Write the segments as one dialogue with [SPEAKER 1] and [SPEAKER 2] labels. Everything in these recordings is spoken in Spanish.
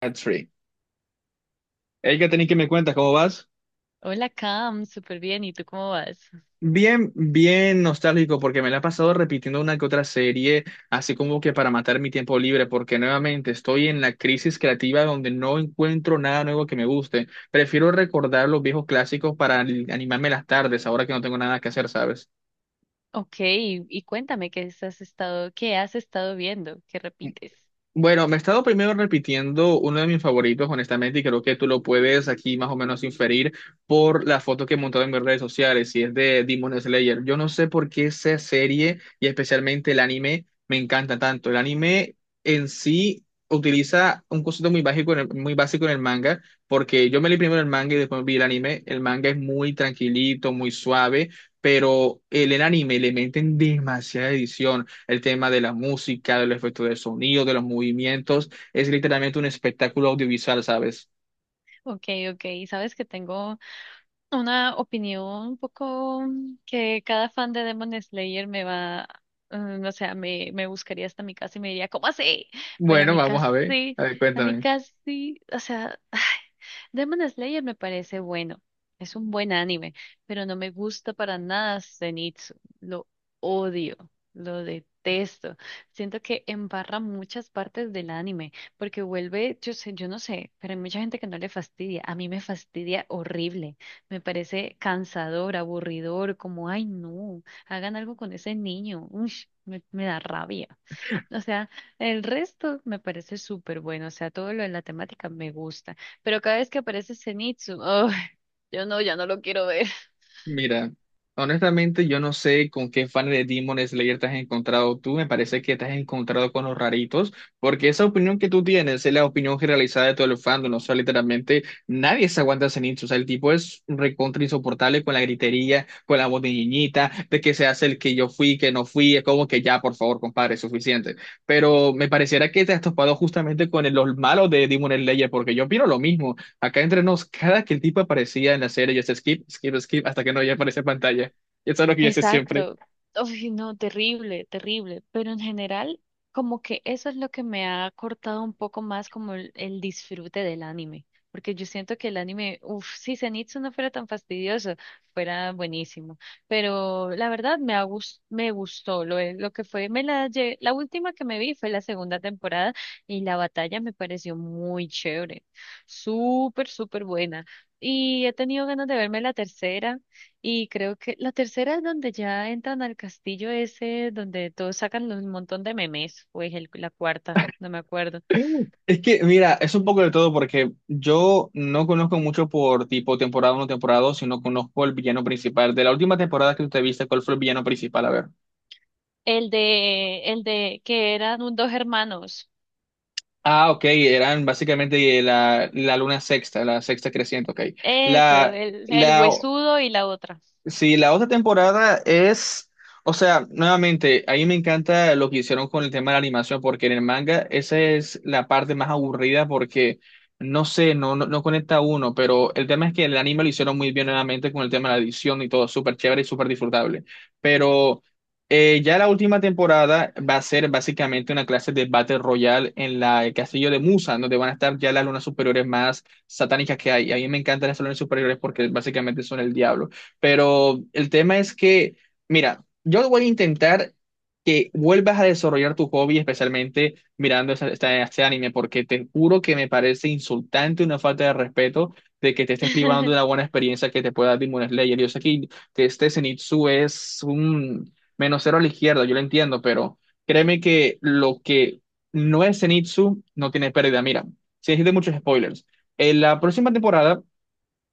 [SPEAKER 1] That's free. Hay que tener que me cuentas cómo vas.
[SPEAKER 2] Hola Cam, súper bien. ¿Y tú cómo vas?
[SPEAKER 1] Bien, bien nostálgico porque me la he pasado repitiendo una que otra serie, así como que para matar mi tiempo libre, porque nuevamente estoy en la crisis creativa donde no encuentro nada nuevo que me guste. Prefiero recordar los viejos clásicos para animarme las tardes, ahora que no tengo nada que hacer, ¿sabes?
[SPEAKER 2] Ok, y cuéntame qué has estado, viendo, qué repites.
[SPEAKER 1] Bueno, me he estado primero repitiendo uno de mis favoritos, honestamente, y creo que tú lo puedes aquí más o menos inferir por la foto que he montado en mis redes sociales, y es de Demon Slayer. Yo no sé por qué esa serie y especialmente el anime me encanta tanto. El anime en sí utiliza un concepto muy básico en el manga, porque yo me leí primero el manga y después vi el anime. El manga es muy tranquilito, muy suave, pero en el anime le meten demasiada edición el tema de la música, del efecto del sonido, de los movimientos. Es literalmente un espectáculo audiovisual, ¿sabes?
[SPEAKER 2] Ok, ok. Sabes que tengo una opinión un poco que cada fan de Demon Slayer me va, o sea, me buscaría hasta mi casa y me diría, ¿cómo así? Pero
[SPEAKER 1] Bueno, vamos a ver. A ver,
[SPEAKER 2] a mi
[SPEAKER 1] cuéntame.
[SPEAKER 2] casi, o sea, ay, Demon Slayer me parece bueno, es un buen anime, pero no me gusta para nada Zenitsu, lo odio, lo detesto. Siento que embarra muchas partes del anime, porque vuelve, yo sé, yo no sé, pero hay mucha gente que no le fastidia, a mí me fastidia horrible. Me parece cansador, aburridor, como, ay, no, hagan algo con ese niño. Uy, me da rabia. O sea, el resto me parece súper bueno. O sea, todo lo de la temática me gusta. Pero cada vez que aparece Zenitsu, ay, yo no, ya no lo quiero ver.
[SPEAKER 1] Mira, honestamente yo no sé con qué fan de Demon Slayer te has encontrado tú, me parece que te has encontrado con los raritos, porque esa opinión que tú tienes es la opinión generalizada de todo el fandom, o sea, literalmente nadie se aguanta ese nicho, o sea, el tipo es recontra insoportable con la gritería, con la voz de niñita, de que se hace el que yo fui, que no fui, es como que ya, por favor, compadre, es suficiente. Pero me pareciera que te has topado justamente con los malos de Demon Slayer, porque yo opino lo mismo. Acá entre nos, cada que el tipo aparecía en la serie, yo hacía skip, skip, skip, hasta que no ya aparece en pantalla. Y eso es lo que yo hice siempre.
[SPEAKER 2] Exacto. Uy, no, terrible, terrible. Pero en general, como que eso es lo que me ha cortado un poco más como el disfrute del anime. Porque yo siento que el anime, uff, si Zenitsu no fuera tan fastidioso, fuera buenísimo. Pero la verdad me gustó lo que fue. La última que me vi fue la segunda temporada y la batalla me pareció muy chévere. Súper, súper buena. Y he tenido ganas de verme la tercera. Y creo que la tercera es donde ya entran al castillo ese, donde todos sacan un montón de memes, pues la cuarta, no me acuerdo.
[SPEAKER 1] Es que, mira, es un poco de todo porque yo no conozco mucho por tipo temporada uno temporada 2 sino conozco el villano principal. De la última temporada que tú te viste, ¿cuál fue el villano principal? A ver.
[SPEAKER 2] El de que eran dos hermanos.
[SPEAKER 1] Ah, ok, eran básicamente la luna sexta, la sexta creciente, ok.
[SPEAKER 2] Eso,
[SPEAKER 1] La,
[SPEAKER 2] el
[SPEAKER 1] la
[SPEAKER 2] huesudo y la otra.
[SPEAKER 1] Sí, la otra temporada es, o sea, nuevamente, ahí me encanta lo que hicieron con el tema de la animación, porque en el manga esa es la parte más aburrida porque, no sé, no conecta uno, pero el tema es que el anime lo hicieron muy bien nuevamente con el tema de la edición y todo, súper chévere y súper disfrutable. Pero ya la última temporada va a ser básicamente una clase de Battle Royale en la, el castillo de Musa, donde van a estar ya las lunas superiores más satánicas que hay. A mí me encantan las lunas superiores porque básicamente son el diablo. Pero el tema es que, mira, yo voy a intentar que vuelvas a desarrollar tu hobby, especialmente mirando este anime, porque te juro que me parece insultante, una falta de respeto, de que te estés privando de una buena experiencia que te pueda dar Demon Slayer. Yo sé que este Zenitsu es un menos cero a la izquierda, yo lo entiendo, pero créeme que lo que no es Zenitsu no tiene pérdida. Mira, sin decirte muchos spoilers. En la próxima temporada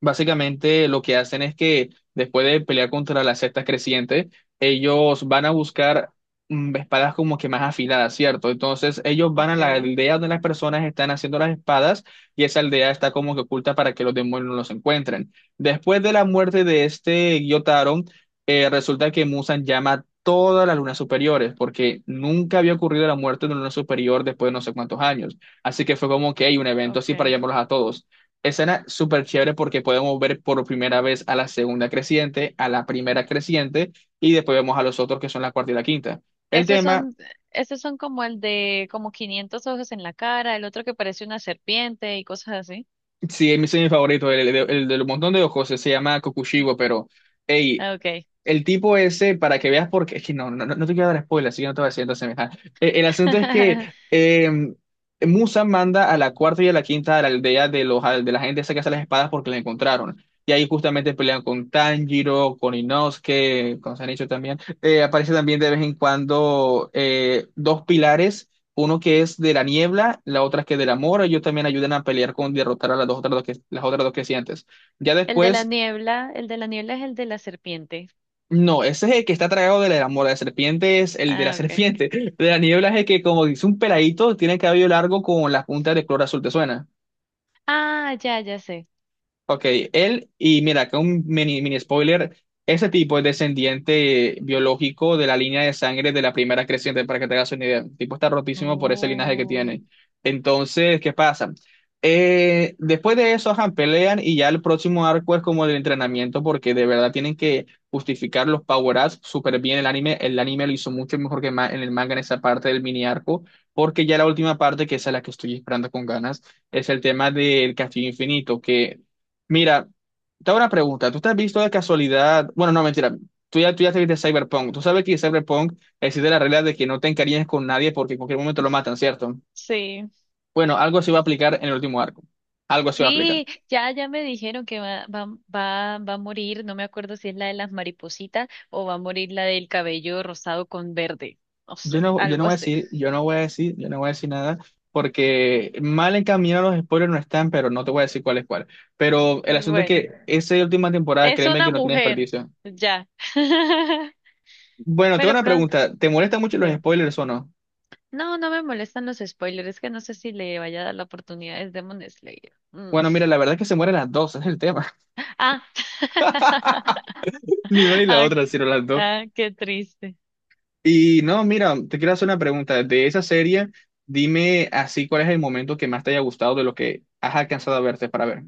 [SPEAKER 1] básicamente lo que hacen es que después de pelear contra las sectas crecientes, ellos van a buscar espadas como que más afiladas, ¿cierto? Entonces ellos van a la
[SPEAKER 2] Okay,
[SPEAKER 1] aldea donde las personas están haciendo las espadas y esa aldea está como que oculta para que los demonios no los encuentren. Después de la muerte de este Gyotaro, resulta que Musan llama a todas las lunas superiores porque nunca había ocurrido la muerte de una luna superior después de no sé cuántos años. Así que fue como que hay un evento así para
[SPEAKER 2] okay.
[SPEAKER 1] llamarlos a todos. Escena súper chévere porque podemos ver por primera vez a la segunda creciente, a la primera creciente y después vemos a los otros que son la cuarta y la quinta. El
[SPEAKER 2] Esos
[SPEAKER 1] tema,
[SPEAKER 2] son, esos son como el de como 500 ojos en la cara, el otro que parece una serpiente y cosas así.
[SPEAKER 1] sí, mi es mi semi favorito, el del montón de ojos, se llama Kokushibo, pero, hey,
[SPEAKER 2] Ah, okay.
[SPEAKER 1] el tipo ese, para que veas, porque es que no te quiero dar spoiler, así que no te voy a decir entonces. Ajá. El asunto es que eh, Musa manda a la cuarta y a la quinta a la aldea de la gente esa que hace las espadas porque la encontraron. Y ahí justamente pelean con Tanjiro, con Inosuke, con Shinichiro también. Aparece también de vez en cuando dos pilares, uno que es de la niebla, la otra que es del amor. Ellos también ayudan a pelear con derrotar a las dos otras dos las otras dos que sientes. Ya
[SPEAKER 2] El de la
[SPEAKER 1] después
[SPEAKER 2] niebla, el de la niebla es el de la serpiente.
[SPEAKER 1] no, ese es el que está tragado de la mora de serpiente, es el de la
[SPEAKER 2] Ah, ok.
[SPEAKER 1] serpiente. De la niebla es el que, como dice un peladito, tiene el cabello largo con las puntas de color azul, ¿te suena?
[SPEAKER 2] Ah, ya, ya sé.
[SPEAKER 1] Ok, él, y mira, acá un mini, mini spoiler, ese tipo es descendiente biológico de la línea de sangre de la primera creciente, para que te hagas una idea. El tipo está rotísimo por ese linaje que
[SPEAKER 2] Oh.
[SPEAKER 1] tiene. Entonces, ¿qué pasa? Después de eso, ajá, pelean y ya el próximo arco es como el entrenamiento, porque de verdad tienen que justificar los power-ups súper bien el anime. El anime lo hizo mucho mejor que en el manga en esa parte del mini arco, porque ya la última parte, que esa es la que estoy esperando con ganas es el tema del Castillo Infinito, que mira, te hago una pregunta. ¿Tú te has visto de casualidad? Bueno, no, mentira. Tú ya te viste Cyberpunk. Tú sabes que en Cyberpunk existe la regla de que no te encariñes con nadie porque en cualquier momento lo matan, ¿cierto?
[SPEAKER 2] Sí.
[SPEAKER 1] Bueno, algo se va a aplicar en el último arco. Algo se va a aplicar.
[SPEAKER 2] Sí, ya me dijeron que va, va, va a morir, no me acuerdo si es la de las maripositas o va a morir la del cabello rosado con verde, no sé,
[SPEAKER 1] Yo no
[SPEAKER 2] algo
[SPEAKER 1] voy a
[SPEAKER 2] así.
[SPEAKER 1] decir, yo no voy a decir, yo no voy a decir nada porque mal encaminados los spoilers no están, pero no te voy a decir cuál es cuál. Pero el asunto es
[SPEAKER 2] Bueno,
[SPEAKER 1] que esa última temporada,
[SPEAKER 2] es
[SPEAKER 1] créeme que
[SPEAKER 2] una
[SPEAKER 1] no tiene
[SPEAKER 2] mujer,
[SPEAKER 1] desperdicio.
[SPEAKER 2] ya.
[SPEAKER 1] Bueno, te hago
[SPEAKER 2] Pero
[SPEAKER 1] una
[SPEAKER 2] pronto,
[SPEAKER 1] pregunta. ¿Te molestan mucho los
[SPEAKER 2] dime.
[SPEAKER 1] spoilers o no?
[SPEAKER 2] No, no me molestan los spoilers, es que no sé si le vaya a dar la oportunidad, es Demon Slayer. Mm.
[SPEAKER 1] Bueno, mira, la verdad es que se mueren las dos, es el tema.
[SPEAKER 2] Ah,
[SPEAKER 1] Ni una ni la
[SPEAKER 2] ah,
[SPEAKER 1] otra, sino las dos.
[SPEAKER 2] ah, qué triste.
[SPEAKER 1] Y no, mira, te quiero hacer una pregunta. De esa serie, dime así cuál es el momento que más te haya gustado de lo que has alcanzado a verte para ver.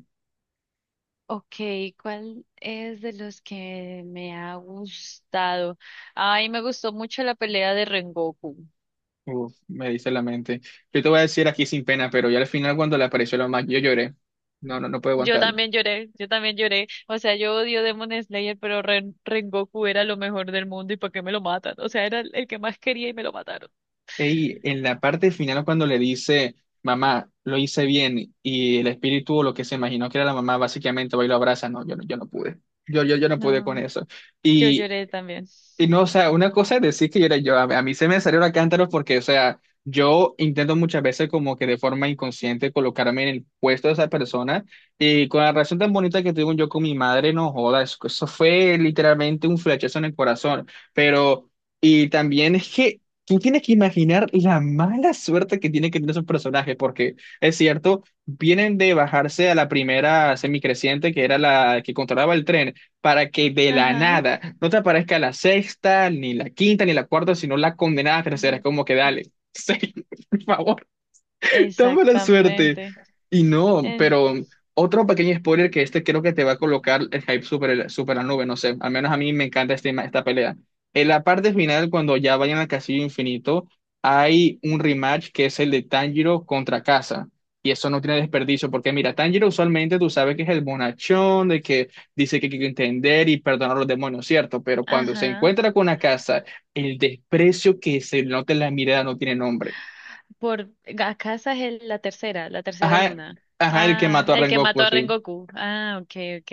[SPEAKER 2] Ok, ¿cuál es de los que me ha gustado? Ay, me gustó mucho la pelea de Rengoku.
[SPEAKER 1] Uf, me dice la mente. Yo te voy a decir aquí sin pena, pero ya al final cuando le apareció la mamá yo lloré. No, no puedo
[SPEAKER 2] Yo
[SPEAKER 1] aguantarlo.
[SPEAKER 2] también lloré, yo también lloré. O sea, yo odio Demon Slayer, pero Rengoku era lo mejor del mundo y ¿para qué me lo matan? O sea, era el que más quería y me lo mataron.
[SPEAKER 1] Y en la parte final cuando le dice, mamá, lo hice bien, y el espíritu o lo que se imaginó que era la mamá, básicamente va y lo abraza. No, yo no pude. Yo no pude
[SPEAKER 2] No,
[SPEAKER 1] con eso.
[SPEAKER 2] yo
[SPEAKER 1] y
[SPEAKER 2] lloré también.
[SPEAKER 1] Y no, o sea, una cosa es decir que yo era yo, a mí se me salió la cántaro porque, o sea, yo intento muchas veces como que de forma inconsciente colocarme en el puesto de esa persona y con la relación tan bonita que tuve yo con mi madre, no joda, eso fue literalmente un flechazo en el corazón, pero, y también es que tú tienes que imaginar la mala suerte que tiene que tener esos personajes, porque es cierto, vienen de bajarse a la primera semicreciente que era la que controlaba el tren para que de la
[SPEAKER 2] Ajá.
[SPEAKER 1] nada no te aparezca la sexta, ni la quinta, ni la cuarta, sino la condenada tercera. Es como que dale, sí, por favor. Tan mala suerte.
[SPEAKER 2] Exactamente.
[SPEAKER 1] Y no,
[SPEAKER 2] Eh,
[SPEAKER 1] pero otro pequeño spoiler que este creo que te va a colocar el hype super, super a la nube, no sé. Al menos a mí me encanta esta pelea. En la parte final, cuando ya vayan al Castillo Infinito, hay un rematch que es el de Tanjiro contra Casa y eso no tiene desperdicio, porque mira, Tanjiro usualmente tú sabes que es el bonachón, de que dice que hay que entender y perdonar a los demonios, ¿cierto? Pero cuando se
[SPEAKER 2] ajá.
[SPEAKER 1] encuentra con Akasa, el desprecio que se nota en la mirada no tiene nombre.
[SPEAKER 2] Por Gacaza es la tercera
[SPEAKER 1] Ajá,
[SPEAKER 2] luna.
[SPEAKER 1] ajá, el que
[SPEAKER 2] Ah,
[SPEAKER 1] mató a
[SPEAKER 2] el que mató
[SPEAKER 1] Rengoku,
[SPEAKER 2] a
[SPEAKER 1] sí.
[SPEAKER 2] Rengoku. Ah, ok, ok.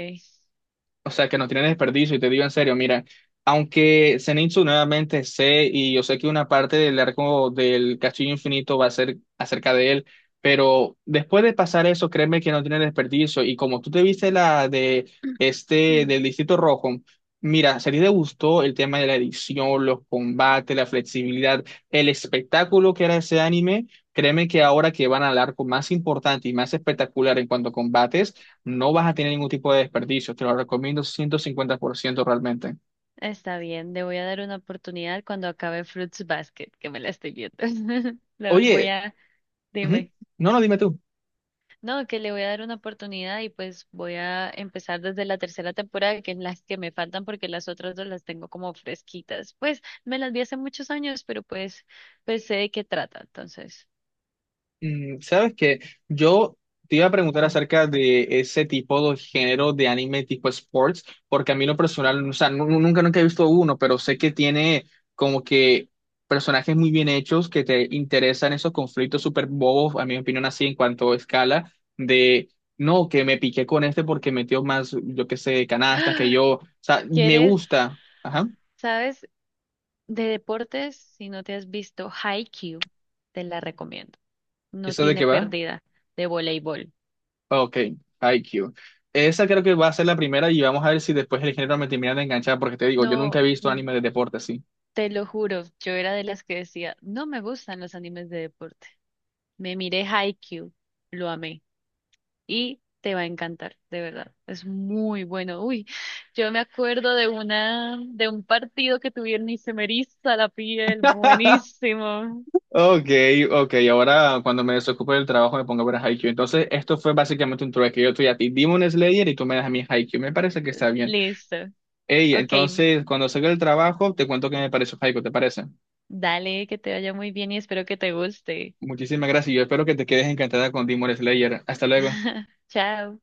[SPEAKER 1] O sea, que no tiene desperdicio, y te digo en serio, mira, aunque Zenitsu nuevamente sé, y yo sé que una parte del arco del Castillo Infinito va a ser acerca de él, pero después de pasar eso, créeme que no tiene desperdicio, y como tú te viste la de
[SPEAKER 2] Mm.
[SPEAKER 1] del Distrito Rojo, mira, si a ti te gustó el tema de la edición, los combates, la flexibilidad, el espectáculo que era ese anime, créeme que ahora que van al arco más importante y más espectacular en cuanto a combates, no vas a tener ningún tipo de desperdicio, te lo recomiendo 150%, realmente.
[SPEAKER 2] Está bien, le voy a dar una oportunidad cuando acabe Fruits Basket, que me la estoy viendo. Le voy
[SPEAKER 1] Oye,
[SPEAKER 2] a,
[SPEAKER 1] ujú,
[SPEAKER 2] dime.
[SPEAKER 1] no, no, dime tú.
[SPEAKER 2] No, que le voy a dar una oportunidad y pues voy a empezar desde la tercera temporada, que es las que me faltan porque las otras dos las tengo como fresquitas. Pues me las vi hace muchos años, pero pues, pues sé de qué trata. Entonces,
[SPEAKER 1] Mm, sabes que yo te iba a preguntar acerca de ese tipo de género de anime tipo sports, porque a mí lo personal, o sea, nunca, nunca he visto uno, pero sé que tiene como que personajes muy bien hechos que te interesan esos conflictos súper bobos, a mi opinión, así en cuanto a escala, de no, que me piqué con este porque metió más, yo qué sé, canastas que yo. O sea, me
[SPEAKER 2] ¿quieres?
[SPEAKER 1] gusta. Ajá.
[SPEAKER 2] ¿Sabes? De deportes, si no te has visto Haikyuu, te la recomiendo. No
[SPEAKER 1] ¿Eso de
[SPEAKER 2] tiene
[SPEAKER 1] qué va?
[SPEAKER 2] pérdida de voleibol.
[SPEAKER 1] Ok, IQ. Esa creo que va a ser la primera y vamos a ver si después el género me termina de enganchar, porque te digo, yo
[SPEAKER 2] No,
[SPEAKER 1] nunca he visto anime de deporte así.
[SPEAKER 2] te lo juro, yo era de las que decía, no me gustan los animes de deporte. Me miré Haikyuu, lo amé y te va a encantar, de verdad. Es muy bueno. Uy, yo me acuerdo de una de un partido que tuvieron y se me eriza la piel, buenísimo.
[SPEAKER 1] Ok, ok, ahora cuando me desocupe del trabajo me pongo a ver a Haikyuu. Entonces, esto fue básicamente un trueque. Yo estoy a ti Demon Slayer y tú me das a mí Haikyuu. Me parece que está bien.
[SPEAKER 2] Listo.
[SPEAKER 1] Hey,
[SPEAKER 2] Ok,
[SPEAKER 1] entonces, cuando salga del trabajo, te cuento qué me pareció Haiku, ¿te parece?
[SPEAKER 2] dale, que te vaya muy bien y espero que te guste.
[SPEAKER 1] Muchísimas gracias y yo espero que te quedes encantada con Demon Slayer. Hasta luego.
[SPEAKER 2] Chao.